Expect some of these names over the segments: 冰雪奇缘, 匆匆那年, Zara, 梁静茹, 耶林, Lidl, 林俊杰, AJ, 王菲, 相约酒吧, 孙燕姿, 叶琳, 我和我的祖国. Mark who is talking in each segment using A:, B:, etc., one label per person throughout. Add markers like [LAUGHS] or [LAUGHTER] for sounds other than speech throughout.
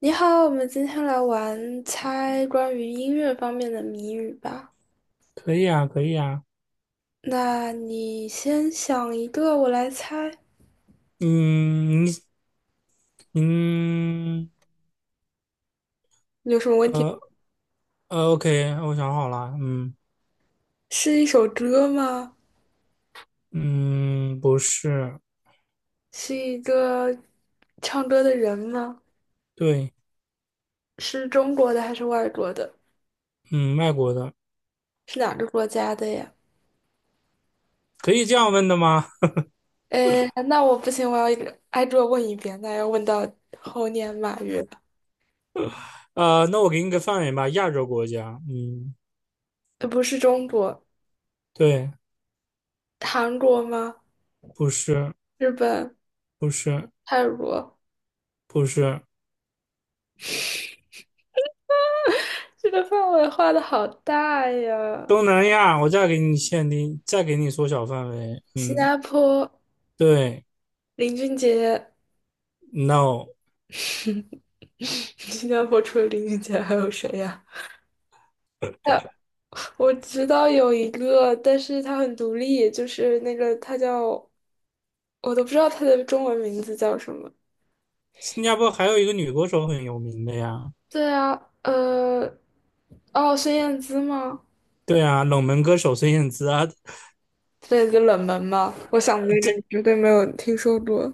A: 你好，我们今天来玩猜关于音乐方面的谜语吧。
B: 可以啊，可以啊。
A: 那你先想一个，我来猜。
B: 嗯，嗯
A: 你有什么问题？
B: 呃OK，我想好了。嗯
A: 是一首歌吗？
B: 嗯，不是，
A: 是一个唱歌的人吗？
B: 对，
A: 是中国的还是外国的？
B: 嗯，外国的，
A: 是哪个国家的呀？
B: 可以这样问的吗？
A: 诶，那我不行，我要一个挨个问一遍，那要问到猴年马月了。
B: 那我给你个范围吧，亚洲国家。嗯，
A: 不是中国，
B: 对，
A: 韩国吗？
B: 不是，
A: 日本、
B: 不是，
A: 泰国？
B: 不是，
A: 这个范围画的好大呀！
B: 东南亚。我再给你限定，再给你缩小范围。
A: 新
B: 嗯，
A: 加坡
B: 对
A: 林俊杰，
B: ，No，
A: [LAUGHS] 新加坡除了林俊杰还有谁呀？[LAUGHS] 呃，我知道有一个，但是他很独立，就是那个他叫，我都不知道他的中文名字叫什么。
B: 新加坡还有一个女歌手很有名的呀。
A: 对啊，呃，哦，孙燕姿吗？
B: 对啊，冷门歌手孙燕姿啊，
A: 孙燕姿冷门吗？我想的那
B: [LAUGHS]
A: 个
B: 这。
A: 你绝对没有听说过。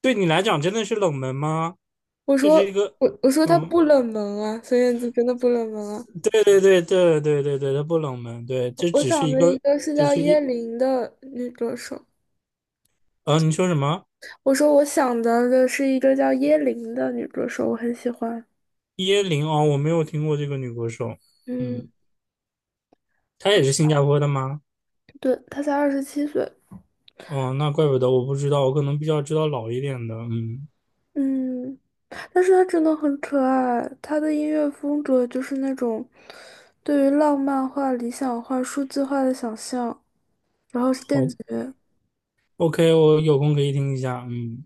B: 对你来讲真的是冷门吗？
A: 我
B: 这
A: 说
B: 是一个，
A: 我说他
B: 嗯，
A: 不冷门啊，孙燕姿真的不冷门啊。
B: 对对对对对对对，它不冷门，对，这
A: 我
B: 只是
A: 想
B: 一
A: 的一
B: 个，
A: 个是
B: 就
A: 叫
B: 是
A: 叶
B: 一，
A: 琳的女歌手。
B: 你说什么？
A: 我说我想到的是一个叫耶林的女歌手，我很喜欢。
B: 椰林哦，我没有听过这个女歌手，
A: 嗯，
B: 嗯，她
A: 好，
B: 也是新加坡的吗？
A: 对，她才27岁。
B: 哦，那怪不得我不知道，我可能比较知道老一点的，嗯，
A: 嗯，但是她真的很可爱，她的音乐风格就是那种对于浪漫化、理想化、数字化的想象，然后是电
B: 好
A: 子乐。
B: ，OK，我有空可以听一下，嗯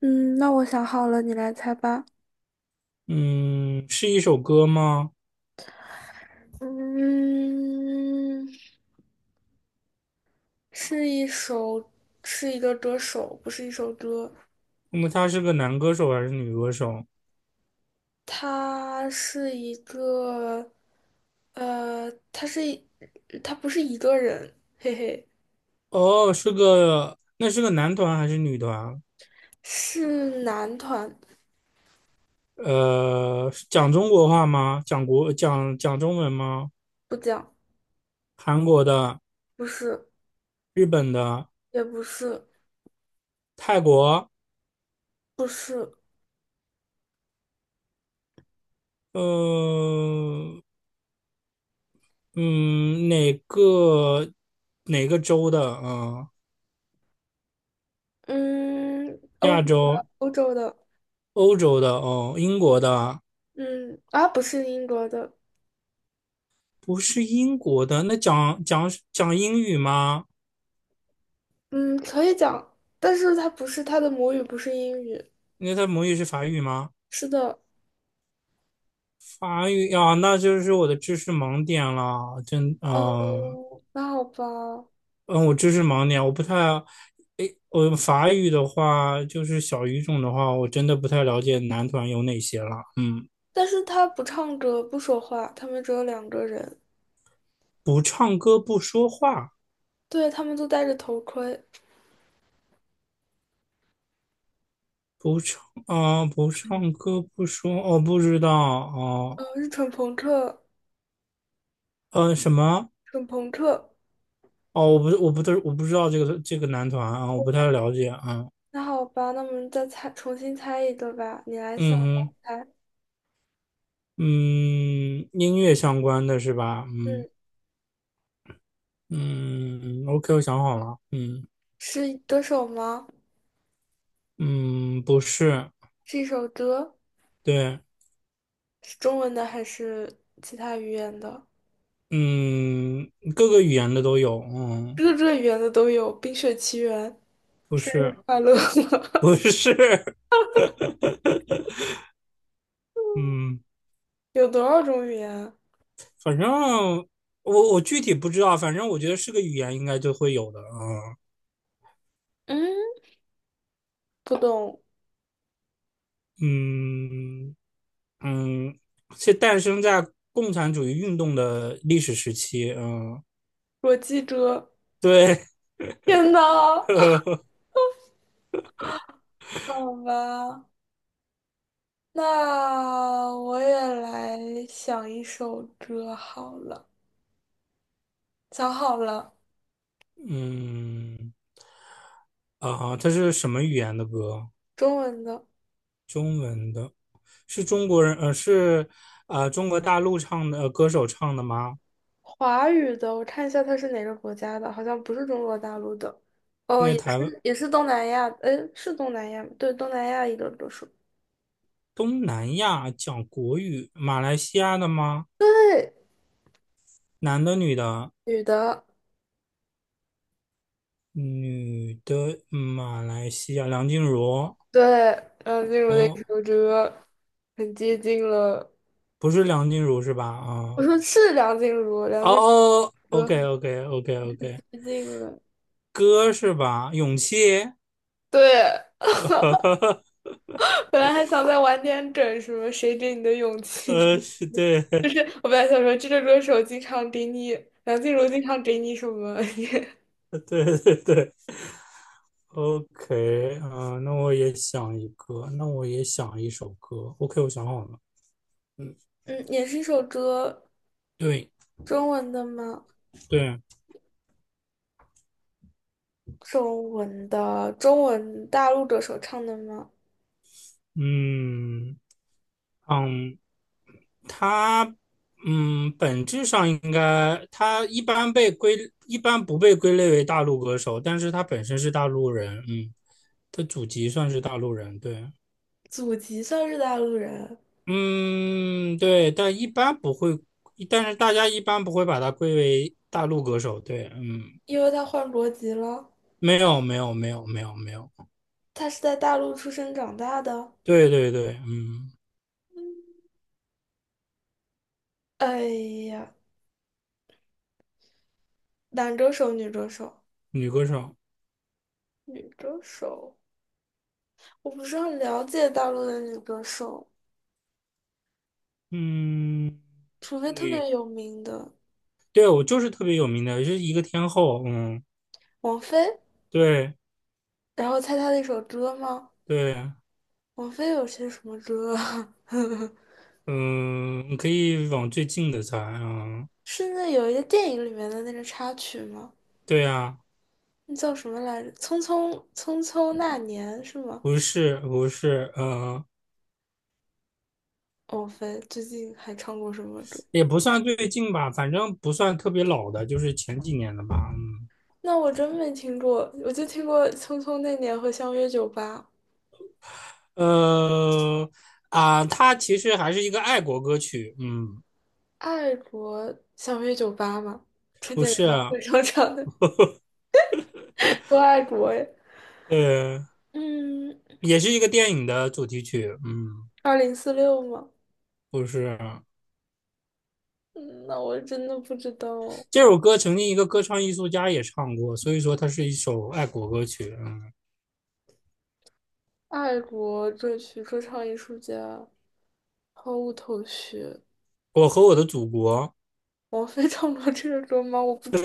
A: 嗯，那我想好了，你来猜吧。
B: 嗯，是一首歌吗？
A: 嗯，是一首，是一个歌手，不是一首歌。
B: 那么他是个男歌手还是女歌手？
A: 他是一个，他是不是一个人，嘿嘿，
B: 哦，那是个男团还是女团？
A: 是男团，
B: 讲中国话吗？讲国讲讲中文吗？
A: 不讲，
B: 韩国的、
A: 不是，
B: 日本的、
A: 也不是，
B: 泰国，
A: 不是，
B: 呃，嗯，哪个州的啊、
A: 嗯，欧洲
B: 亚
A: 的，
B: 洲、
A: 欧洲的，
B: 欧洲的哦，英国的，
A: 嗯，啊，不是英国的，
B: 不是英国的。那讲英语吗？
A: 嗯，可以讲，但是他不是，他的母语不是英语，
B: 那他母语是法语吗？
A: 是的，
B: 法语啊，那就是我的知识盲点了，真啊。
A: 哦，那好吧，
B: 我知识盲点，我不太，诶，我法语的话，就是小语种的话，我真的不太了解男团有哪些了。嗯，
A: 但是他不唱歌，不说话，他们只有两个人，
B: 不唱歌不说话，
A: 对，他们都戴着头盔。
B: 不唱不唱歌不说，我不知道哦，
A: 是纯朋克，
B: 什么？
A: 纯朋克。
B: 哦，我不知道这个男团啊，我不太了解啊。
A: 那好吧，那我们再猜，重新猜一个吧。你来想，
B: 嗯
A: 我
B: 哼，
A: 来猜。
B: 嗯，音乐相关的是吧？嗯
A: 嗯，
B: 嗯嗯，OK，我想好了，嗯
A: 是歌手吗？
B: 嗯，不是，
A: 是一首歌，
B: 对。
A: 是中文的还是其他语言的？
B: 嗯，各个语言的都有，嗯，
A: 各个语言的都有，《冰雪奇缘》
B: 不
A: 生
B: 是，
A: 日快乐，
B: 不是，[LAUGHS] 嗯，
A: [LAUGHS] 有多少种语言啊
B: 反正我具体不知道，反正我觉得是个语言应该就会有的啊，
A: 嗯，不懂，
B: 嗯嗯，是诞生在共产主义运动的历史时期，嗯，
A: 我记着。
B: 对，
A: 天呐，
B: [LAUGHS]
A: 好吧，那我也来想一首歌好了，想好了，
B: 嗯啊，它是什么语言的歌？
A: 中文的。
B: 中文的，是中国人，是中国大陆唱的、歌手唱的吗？
A: 华语的，我看一下它是哪个国家的，好像不是中国大陆的，哦，
B: 那
A: 也
B: 台湾
A: 是也是东南亚，诶，是东南亚吗对，东南亚一个歌手，
B: 东南亚讲国语，马来西亚的吗？
A: 对，
B: 男的、女的？
A: 女的，
B: 女的，马来西亚，梁静茹。
A: 对，梁静茹的一
B: 哦，
A: 首歌，很接近了，
B: 不是梁静茹是吧？
A: 我说是梁静茹，梁
B: 哦
A: 静茹
B: 哦
A: 的歌很
B: ，OK，OK，OK，OK，
A: 接近了，
B: 歌是吧？勇气。
A: 对，
B: [LAUGHS]
A: [LAUGHS] 本来还想再晚点整什么谁给你的勇气，
B: 是对，[LAUGHS]
A: [LAUGHS] 我本来想说这个歌手经常给你，梁静茹经常给你什么，[LAUGHS]
B: 对对对，OK，那我也想一个，那我也想一首歌。OK，我想好了。
A: 嗯，也是一首歌，
B: 对
A: 中文的吗？
B: 对，
A: 中文的，中文大陆歌手唱的吗？
B: 嗯嗯，他本质上应该他一般不被归类为大陆歌手，但是他本身是大陆人，嗯，他祖籍算是大陆人，对，
A: 祖籍算是大陆人，
B: 嗯，对，但是大家一般不会把他归为大陆歌手，对，嗯，
A: 因为他换国籍了。
B: 没有，没有，没有，没有，没有，
A: 他是在大陆出生长大的。
B: 对对对，嗯，
A: 哎呀，男歌手、女歌手，
B: 女歌手，
A: 女歌手，我不是很了解大陆的女歌手，
B: 嗯，
A: 除非特
B: 女，
A: 别有名的
B: 对，我就是特别有名的，是一个天后，嗯，
A: 王菲。
B: 对
A: 然后猜她的一首歌吗？
B: 对。
A: 王菲有些什么歌啊？
B: 嗯，你可以往最近的猜啊。
A: [LAUGHS] 是那有一个电影里面的那个插曲吗？
B: 对啊，
A: 那叫什么来着？《匆匆那年》是吗？
B: 不是不是，嗯，
A: 王菲最近还唱过什么歌？
B: 也不算最近吧，反正不算特别老的，就是前几年的吧。
A: 那我真没听过，我就听过《匆匆那年》和《相约酒吧》。
B: 嗯，它其实还是一个爱国歌曲。嗯，
A: 爱国相约酒吧》嘛，春
B: 不
A: 节联
B: 是，
A: 欢会上唱的《多爱国》呀。
B: 呃，
A: 嗯，
B: 也是一个电影的主题曲。嗯，
A: 二零四六嘛。
B: 不是，
A: 嗯，那我真的不知道。
B: 这首歌曾经一个歌唱艺术家也唱过，所以说它是一首爱国歌曲。嗯，
A: 爱国这曲说唱艺术家毫无头绪。
B: 我和我的祖国。
A: 王菲唱过这个歌吗？我不知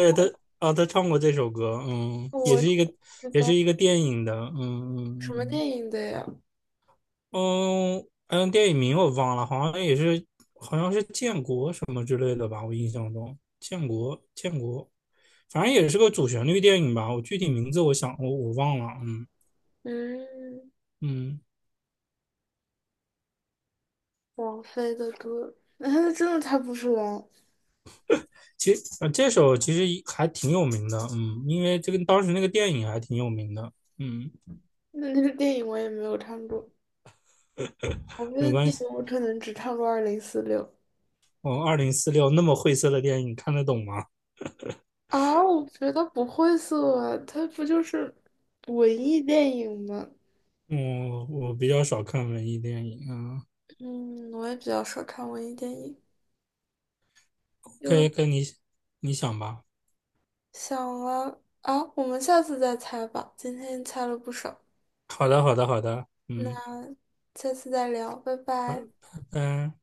B: 啊，他唱过这首歌，嗯，
A: 道，我不知
B: 也是
A: 道
B: 一个电影的，嗯
A: 什么
B: 嗯
A: 电影的呀？
B: 嗯嗯，电影名我忘了，好像也是，好像是建国什么之类的吧，我印象中，建国建国，反正也是个主旋律电影吧，我具体名字我想我忘了，嗯
A: 嗯。
B: 嗯，
A: 王菲的歌，[LAUGHS] 那她真的猜不出来。
B: 其实这首其实还挺有名的，嗯，因为这个当时那个电影还挺有名的，嗯，
A: 那那个电影我也没有看过，王菲
B: 没
A: 的
B: 关
A: 电
B: 系，
A: 影我可能只看过《二零四六》
B: 我2046那么晦涩的电影看得懂吗？
A: 啊。我觉得不会色啊，它不就是文艺电影吗？
B: 我比较少看文艺电影，啊，
A: 嗯，我也比较少看文艺电影。
B: 可以
A: 就
B: 跟你想吧。
A: 想了啊，我们下次再猜吧。今天猜了不少，
B: 好的，好的，好的，
A: 那
B: 嗯，
A: 下次再聊，拜
B: 好，拜
A: 拜。
B: 拜。